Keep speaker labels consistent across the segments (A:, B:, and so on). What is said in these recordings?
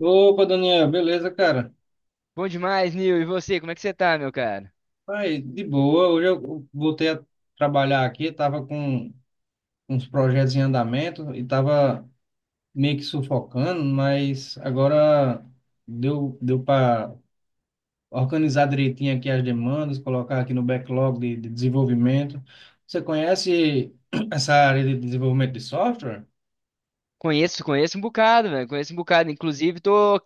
A: Opa, Daniel, beleza, cara?
B: Bom demais, Nil. E você, como é que você tá, meu cara?
A: Aí, de boa. Hoje eu voltei a trabalhar aqui, tava com uns projetos em andamento e tava meio que sufocando, mas agora deu para organizar direitinho aqui as demandas, colocar aqui no backlog de desenvolvimento. Você conhece essa área de desenvolvimento de software?
B: Conheço, conheço um bocado, velho. Conheço um bocado. Inclusive, tô.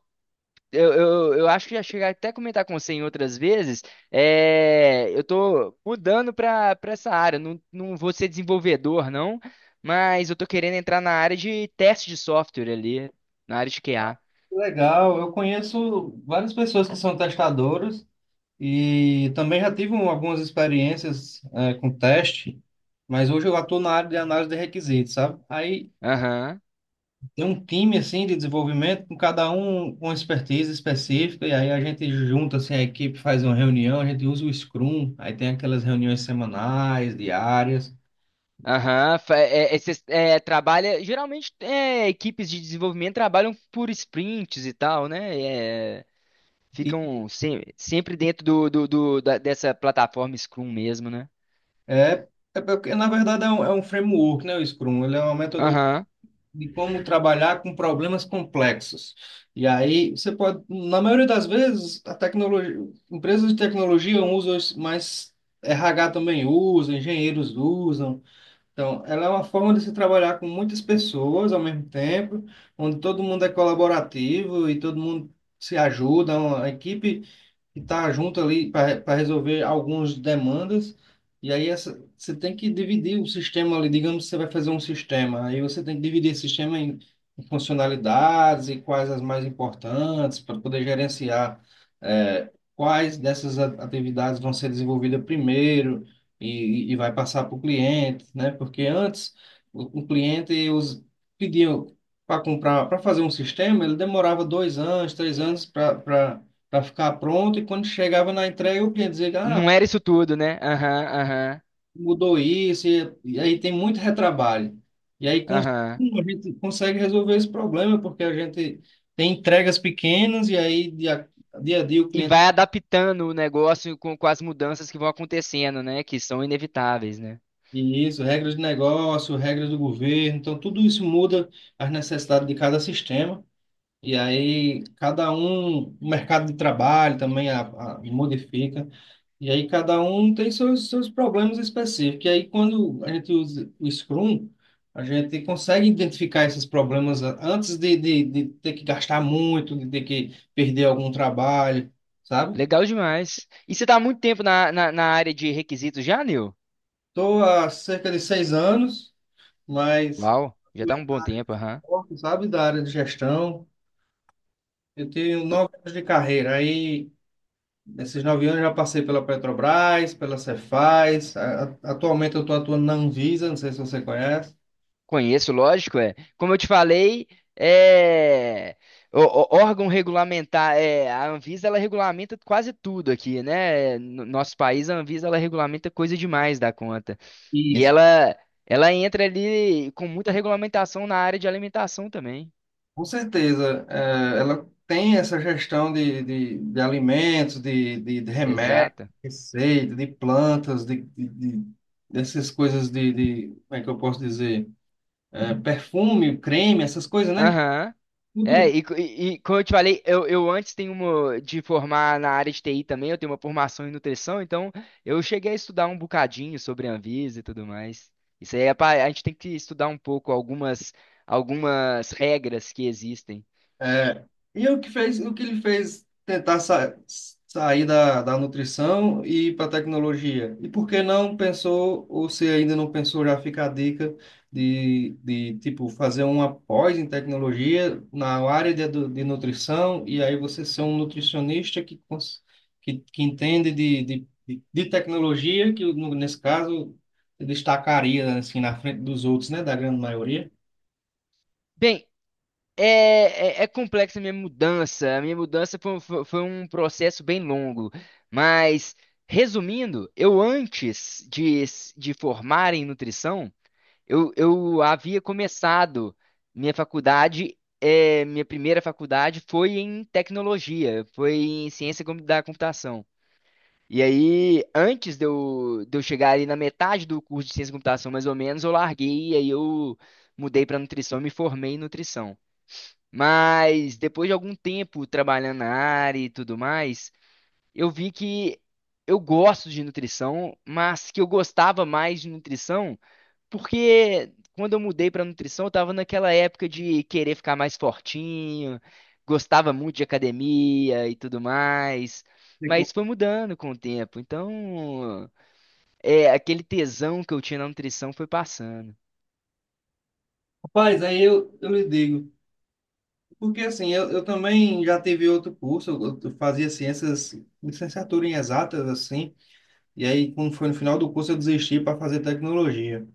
B: Eu acho que já cheguei até a comentar com você em outras vezes. É, eu tô mudando pra essa área. Não, não vou ser desenvolvedor, não. Mas eu tô querendo entrar na área de teste de software ali. Na área de QA.
A: Legal, eu conheço várias pessoas que são testadoras. E também já tive algumas experiências com teste, mas hoje eu atuo na área de análise de requisitos, sabe? Aí
B: Aham.
A: tem um time assim de desenvolvimento com cada um com expertise específica e aí a gente junta assim a equipe, faz uma reunião, a gente usa o Scrum, aí tem aquelas reuniões semanais, diárias
B: Trabalha. Geralmente, é, equipes de desenvolvimento trabalham por sprints e tal, né?
A: e
B: Ficam sem- Sempre dentro da dessa plataforma Scrum mesmo, né?
A: é, é porque na verdade é um framework, né, o Scrum, ele é uma
B: Aham.
A: de como trabalhar com problemas complexos. E aí você pode, na maioria das vezes, a tecnologia, empresas de tecnologia usam isso, mas RH também usa, engenheiros usam. Então, ela é uma forma de se trabalhar com muitas pessoas ao mesmo tempo, onde todo mundo é colaborativo e todo mundo se ajuda, é uma equipe que tá junto ali para resolver algumas demandas. E aí essa, você tem que dividir o sistema ali, digamos que você vai fazer um sistema, aí você tem que dividir esse sistema em funcionalidades e quais as mais importantes para poder gerenciar quais dessas atividades vão ser desenvolvidas primeiro e vai passar para o cliente, né? Porque antes o cliente os pediam para comprar, para fazer um sistema, ele demorava dois anos, três anos para para ficar pronto. E quando chegava na entrega, o cliente dizia, ah,
B: Não era isso tudo, né? Aham, aham,
A: mudou isso, e aí tem muito retrabalho. E aí com isso,
B: aham.
A: a gente consegue resolver esse problema, porque a gente tem entregas pequenas, e aí dia a dia o
B: E
A: cliente.
B: vai adaptando o negócio com as mudanças que vão acontecendo, né? Que são inevitáveis, né?
A: E isso, regras de negócio, regras do governo, então tudo isso muda as necessidades de cada sistema. E aí, cada um, o mercado de trabalho também modifica. E aí cada um tem seus problemas específicos. E aí quando a gente usa o Scrum, a gente consegue identificar esses problemas antes de ter que gastar muito, de ter que perder algum trabalho, sabe?
B: Legal demais. E você tá há muito tempo na área de requisitos já, Nil?
A: Estou há cerca de 6 anos, mas eu
B: Uau, já tá há um bom tempo, aham.
A: gosto, sabe, da área de gestão. Eu tenho 9 anos de carreira. Aí, nesses 9 anos, eu já passei pela Petrobras, pela Cefaz. Atualmente, eu estou atuando na Anvisa, não sei se você conhece.
B: Conheço, lógico, é. Como eu te falei, é órgão regulamentar, é, a Anvisa ela regulamenta quase tudo aqui, né? No nosso país, a Anvisa ela regulamenta coisa demais da conta. E
A: Isso.
B: ela entra ali com muita regulamentação na área de alimentação também.
A: Com certeza, ela tem essa gestão de alimentos, de remédios,
B: Exato.
A: receita, de plantas, dessas coisas como é que eu posso dizer? Perfume, creme, essas coisas, né?
B: Aham. E como eu te falei, eu antes tenho uma de formar na área de TI também, eu tenho uma formação em nutrição, então eu cheguei a estudar um bocadinho sobre Anvisa e tudo mais. A gente tem que estudar um pouco algumas regras que existem.
A: É, e é o que fez, o que ele fez tentar sa sair da nutrição e ir para tecnologia? E por que não pensou, ou se ainda não pensou, já fica a dica de tipo, fazer uma pós em tecnologia na área de nutrição, e aí você ser um nutricionista que entende de tecnologia, que nesse caso se destacaria assim, na frente dos outros, né, da grande maioria.
B: Bem, é complexa a minha mudança. A minha mudança foi um processo bem longo, mas resumindo, eu antes de, s- de formar em nutrição. Eu havia começado minha faculdade, minha primeira faculdade foi em tecnologia, foi em da computação. E aí, de eu chegar ali na metade do curso de ciência da computação, mais ou menos, eu larguei e aí eu mudei para nutrição e me formei em nutrição. Mas depois de algum tempo trabalhando na área e tudo mais, eu vi que eu gosto de nutrição, mas que eu gostava mais de nutrição porque quando eu mudei pra nutrição, eu tava naquela época de querer ficar mais fortinho, gostava muito de academia e tudo mais.
A: Digo,
B: Mas foi mudando com o tempo. Então, é, aquele tesão que eu tinha na nutrição foi passando.
A: rapaz, eu lhe digo. Porque assim, eu também já tive outro curso, eu fazia ciências, licenciatura em exatas, assim, e aí quando foi no final do curso eu desisti para fazer tecnologia.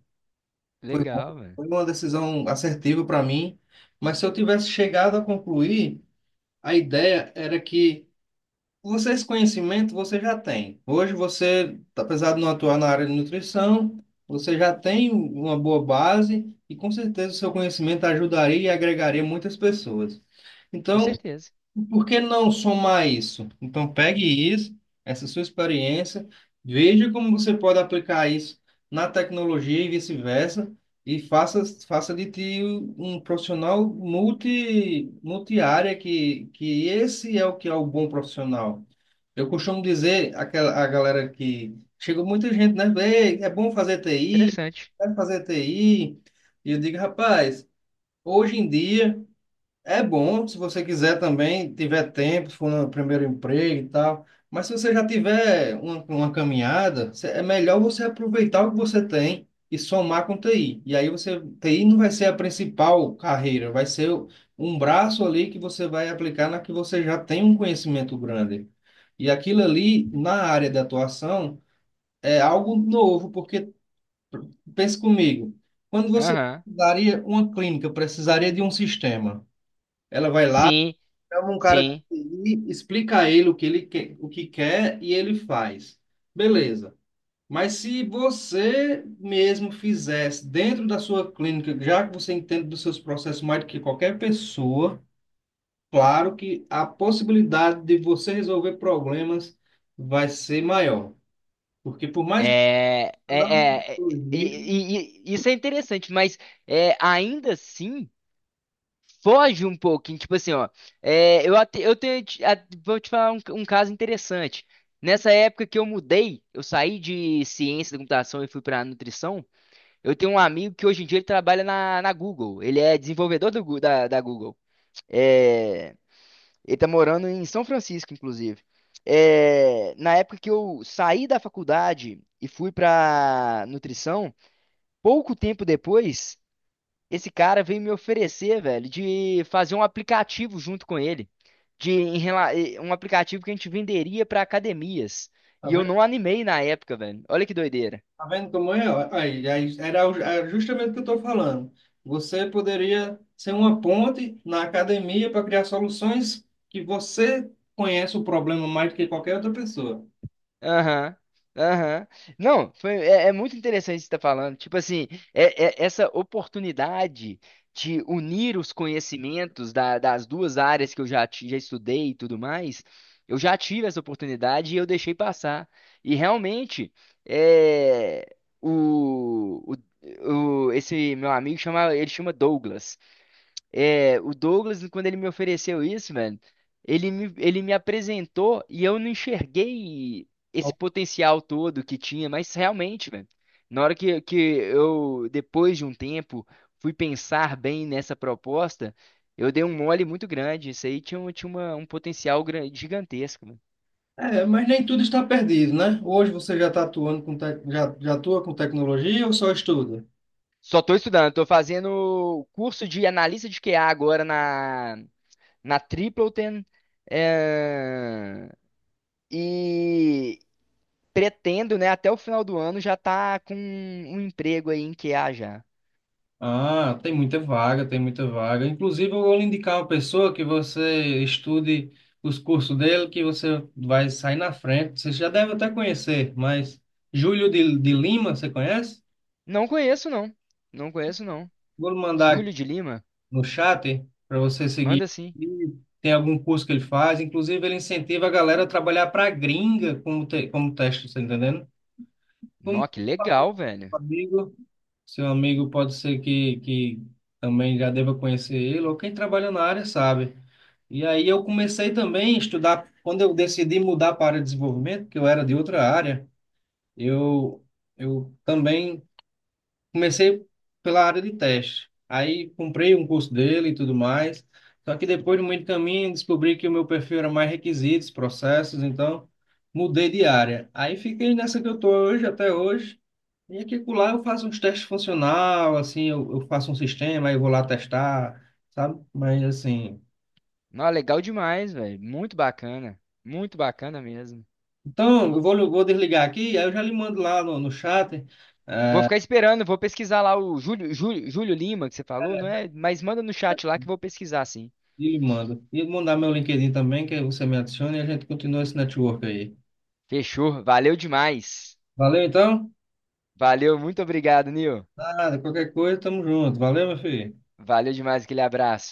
A: Foi, bom,
B: Legal, velho.
A: foi uma decisão assertiva para mim, mas se eu tivesse chegado a concluir, a ideia era que você, esse conhecimento você já tem. Hoje você, apesar de não atuar na área de nutrição, você já tem uma boa base e com certeza o seu conhecimento ajudaria e agregaria muitas pessoas.
B: Com
A: Então,
B: certeza.
A: por que não somar isso? Então, pegue isso, essa sua experiência, veja como você pode aplicar isso na tecnologia e vice-versa, e faça de ti um profissional multi-área, que esse é o que é o bom profissional. Eu costumo dizer àquela, à galera que chega muita gente, né? "Ei, é bom fazer TI,
B: Interessante.
A: vai fazer TI." E eu digo, rapaz, hoje em dia. É bom se você quiser também, tiver tempo, se for no primeiro emprego e tal. Mas se você já tiver uma caminhada, é melhor você aproveitar o que você tem e somar com TI. E aí você, TI não vai ser a principal carreira, vai ser um braço ali que você vai aplicar na que você já tem um conhecimento grande. E aquilo ali, na área de atuação, é algo novo, porque pense comigo, quando você
B: Aham.
A: precisaria, uma clínica precisaria de um sistema. Ela vai lá,
B: Sim,
A: chama um cara
B: sim.
A: de explica a ele o que ele quer, o que quer e ele faz. Beleza. Mas se você mesmo fizesse dentro da sua clínica, já que você entende dos seus processos mais do que qualquer pessoa, claro que a possibilidade de você resolver problemas vai ser maior. Porque por mais que
B: É, é,
A: você ande na
B: é, é, e-
A: psicologia,
B: isso é interessante, mas é, ainda assim. Foge um pouquinho, tipo assim, ó. É, eu até, eu tenho, te- a- Vou te falar um caso interessante. Nessa época que eu mudei, eu saí de ciência da computação e fui para nutrição. Eu tenho um amigo que hoje em dia ele trabalha na Google. Ele é desenvolvedor da da Google. É, ele tá morando em São Francisco, inclusive. É, na época que eu saí da faculdade e fui para nutrição, pouco tempo depois. Esse cara veio me oferecer, velho, de fazer um aplicativo junto com ele, de em rela- eh, um aplicativo que a gente venderia pra academias. E eu
A: tá.
B: não animei na época, velho. Olha que doideira.
A: Tá vendo como é? Aí, era justamente o que eu estou falando. Você poderia ser uma ponte na academia para criar soluções que você conhece o problema mais do que qualquer outra pessoa.
B: Aham, aham. Não, foi, é, é muito interessante isso que você está falando. Tipo assim, é essa oportunidade de unir os conhecimentos das duas áreas que eu já estudei e tudo mais, eu já tive essa oportunidade e eu deixei passar. E realmente, é, o, esse meu amigo chama, ele chama Douglas. É, o Douglas, quando ele me ofereceu isso, mano, ele me apresentou e eu não enxerguei esse potencial todo que tinha, mas realmente, mano, na hora que eu, depois de um tempo, fui pensar bem nessa proposta, eu dei um mole muito grande. Isso aí tinha um potencial gigantesco, mano.
A: É, mas nem tudo está perdido, né? Hoje você já está atuando com já, já atua com tecnologia ou só estuda?
B: Só tô estudando, tô fazendo curso de analista de QA agora na Tripleton. É, E, pretendo, né, até o final do ano já tá com um emprego aí em QA já.
A: Ah, tem muita vaga, tem muita vaga. Inclusive, eu vou lhe indicar uma pessoa que você estude os cursos dele, que você vai sair na frente. Você já deve até conhecer, mas Júlio de Lima, você conhece?
B: Não conheço, não. Não conheço, não.
A: Vou lhe mandar
B: Júlio de Lima?
A: no chat para você seguir.
B: Manda sim.
A: E tem algum curso que ele faz. Inclusive, ele incentiva a galera a trabalhar para a gringa como teste, você tá entendendo? Como
B: Nó, que legal, velho.
A: amigo, seu amigo pode ser que também já deva conhecer ele, ou quem trabalha na área sabe. E aí eu comecei também a estudar, quando eu decidi mudar para a área de desenvolvimento, que eu era de outra área, eu, eu também comecei pela área de teste. Aí comprei um curso dele e tudo mais, só que depois, no meio do caminho, descobri que o meu perfil era mais requisitos, processos, então mudei de área. Aí fiquei nessa que eu tô hoje, até hoje, e aqui por lá eu faço uns testes funcional, assim, eu faço um sistema, aí eu vou lá testar, sabe? Mas assim...
B: Nó, legal demais, velho. Muito bacana. Muito bacana mesmo.
A: Então, eu vou desligar aqui, aí eu já lhe mando lá no chat
B: Vou ficar esperando, vou pesquisar lá o Júlio, Júlio, Júlio Lima que você falou, não é? Mas manda no chat lá que eu vou pesquisar sim.
A: e lhe mando. E mandar meu LinkedIn também, que aí você me adicione e a gente continua esse network aí.
B: Fechou. Valeu demais.
A: Valeu, então?
B: Valeu, muito obrigado, Nil.
A: Nada, qualquer coisa, tamo junto. Valeu, meu filho.
B: Valeu demais, aquele abraço.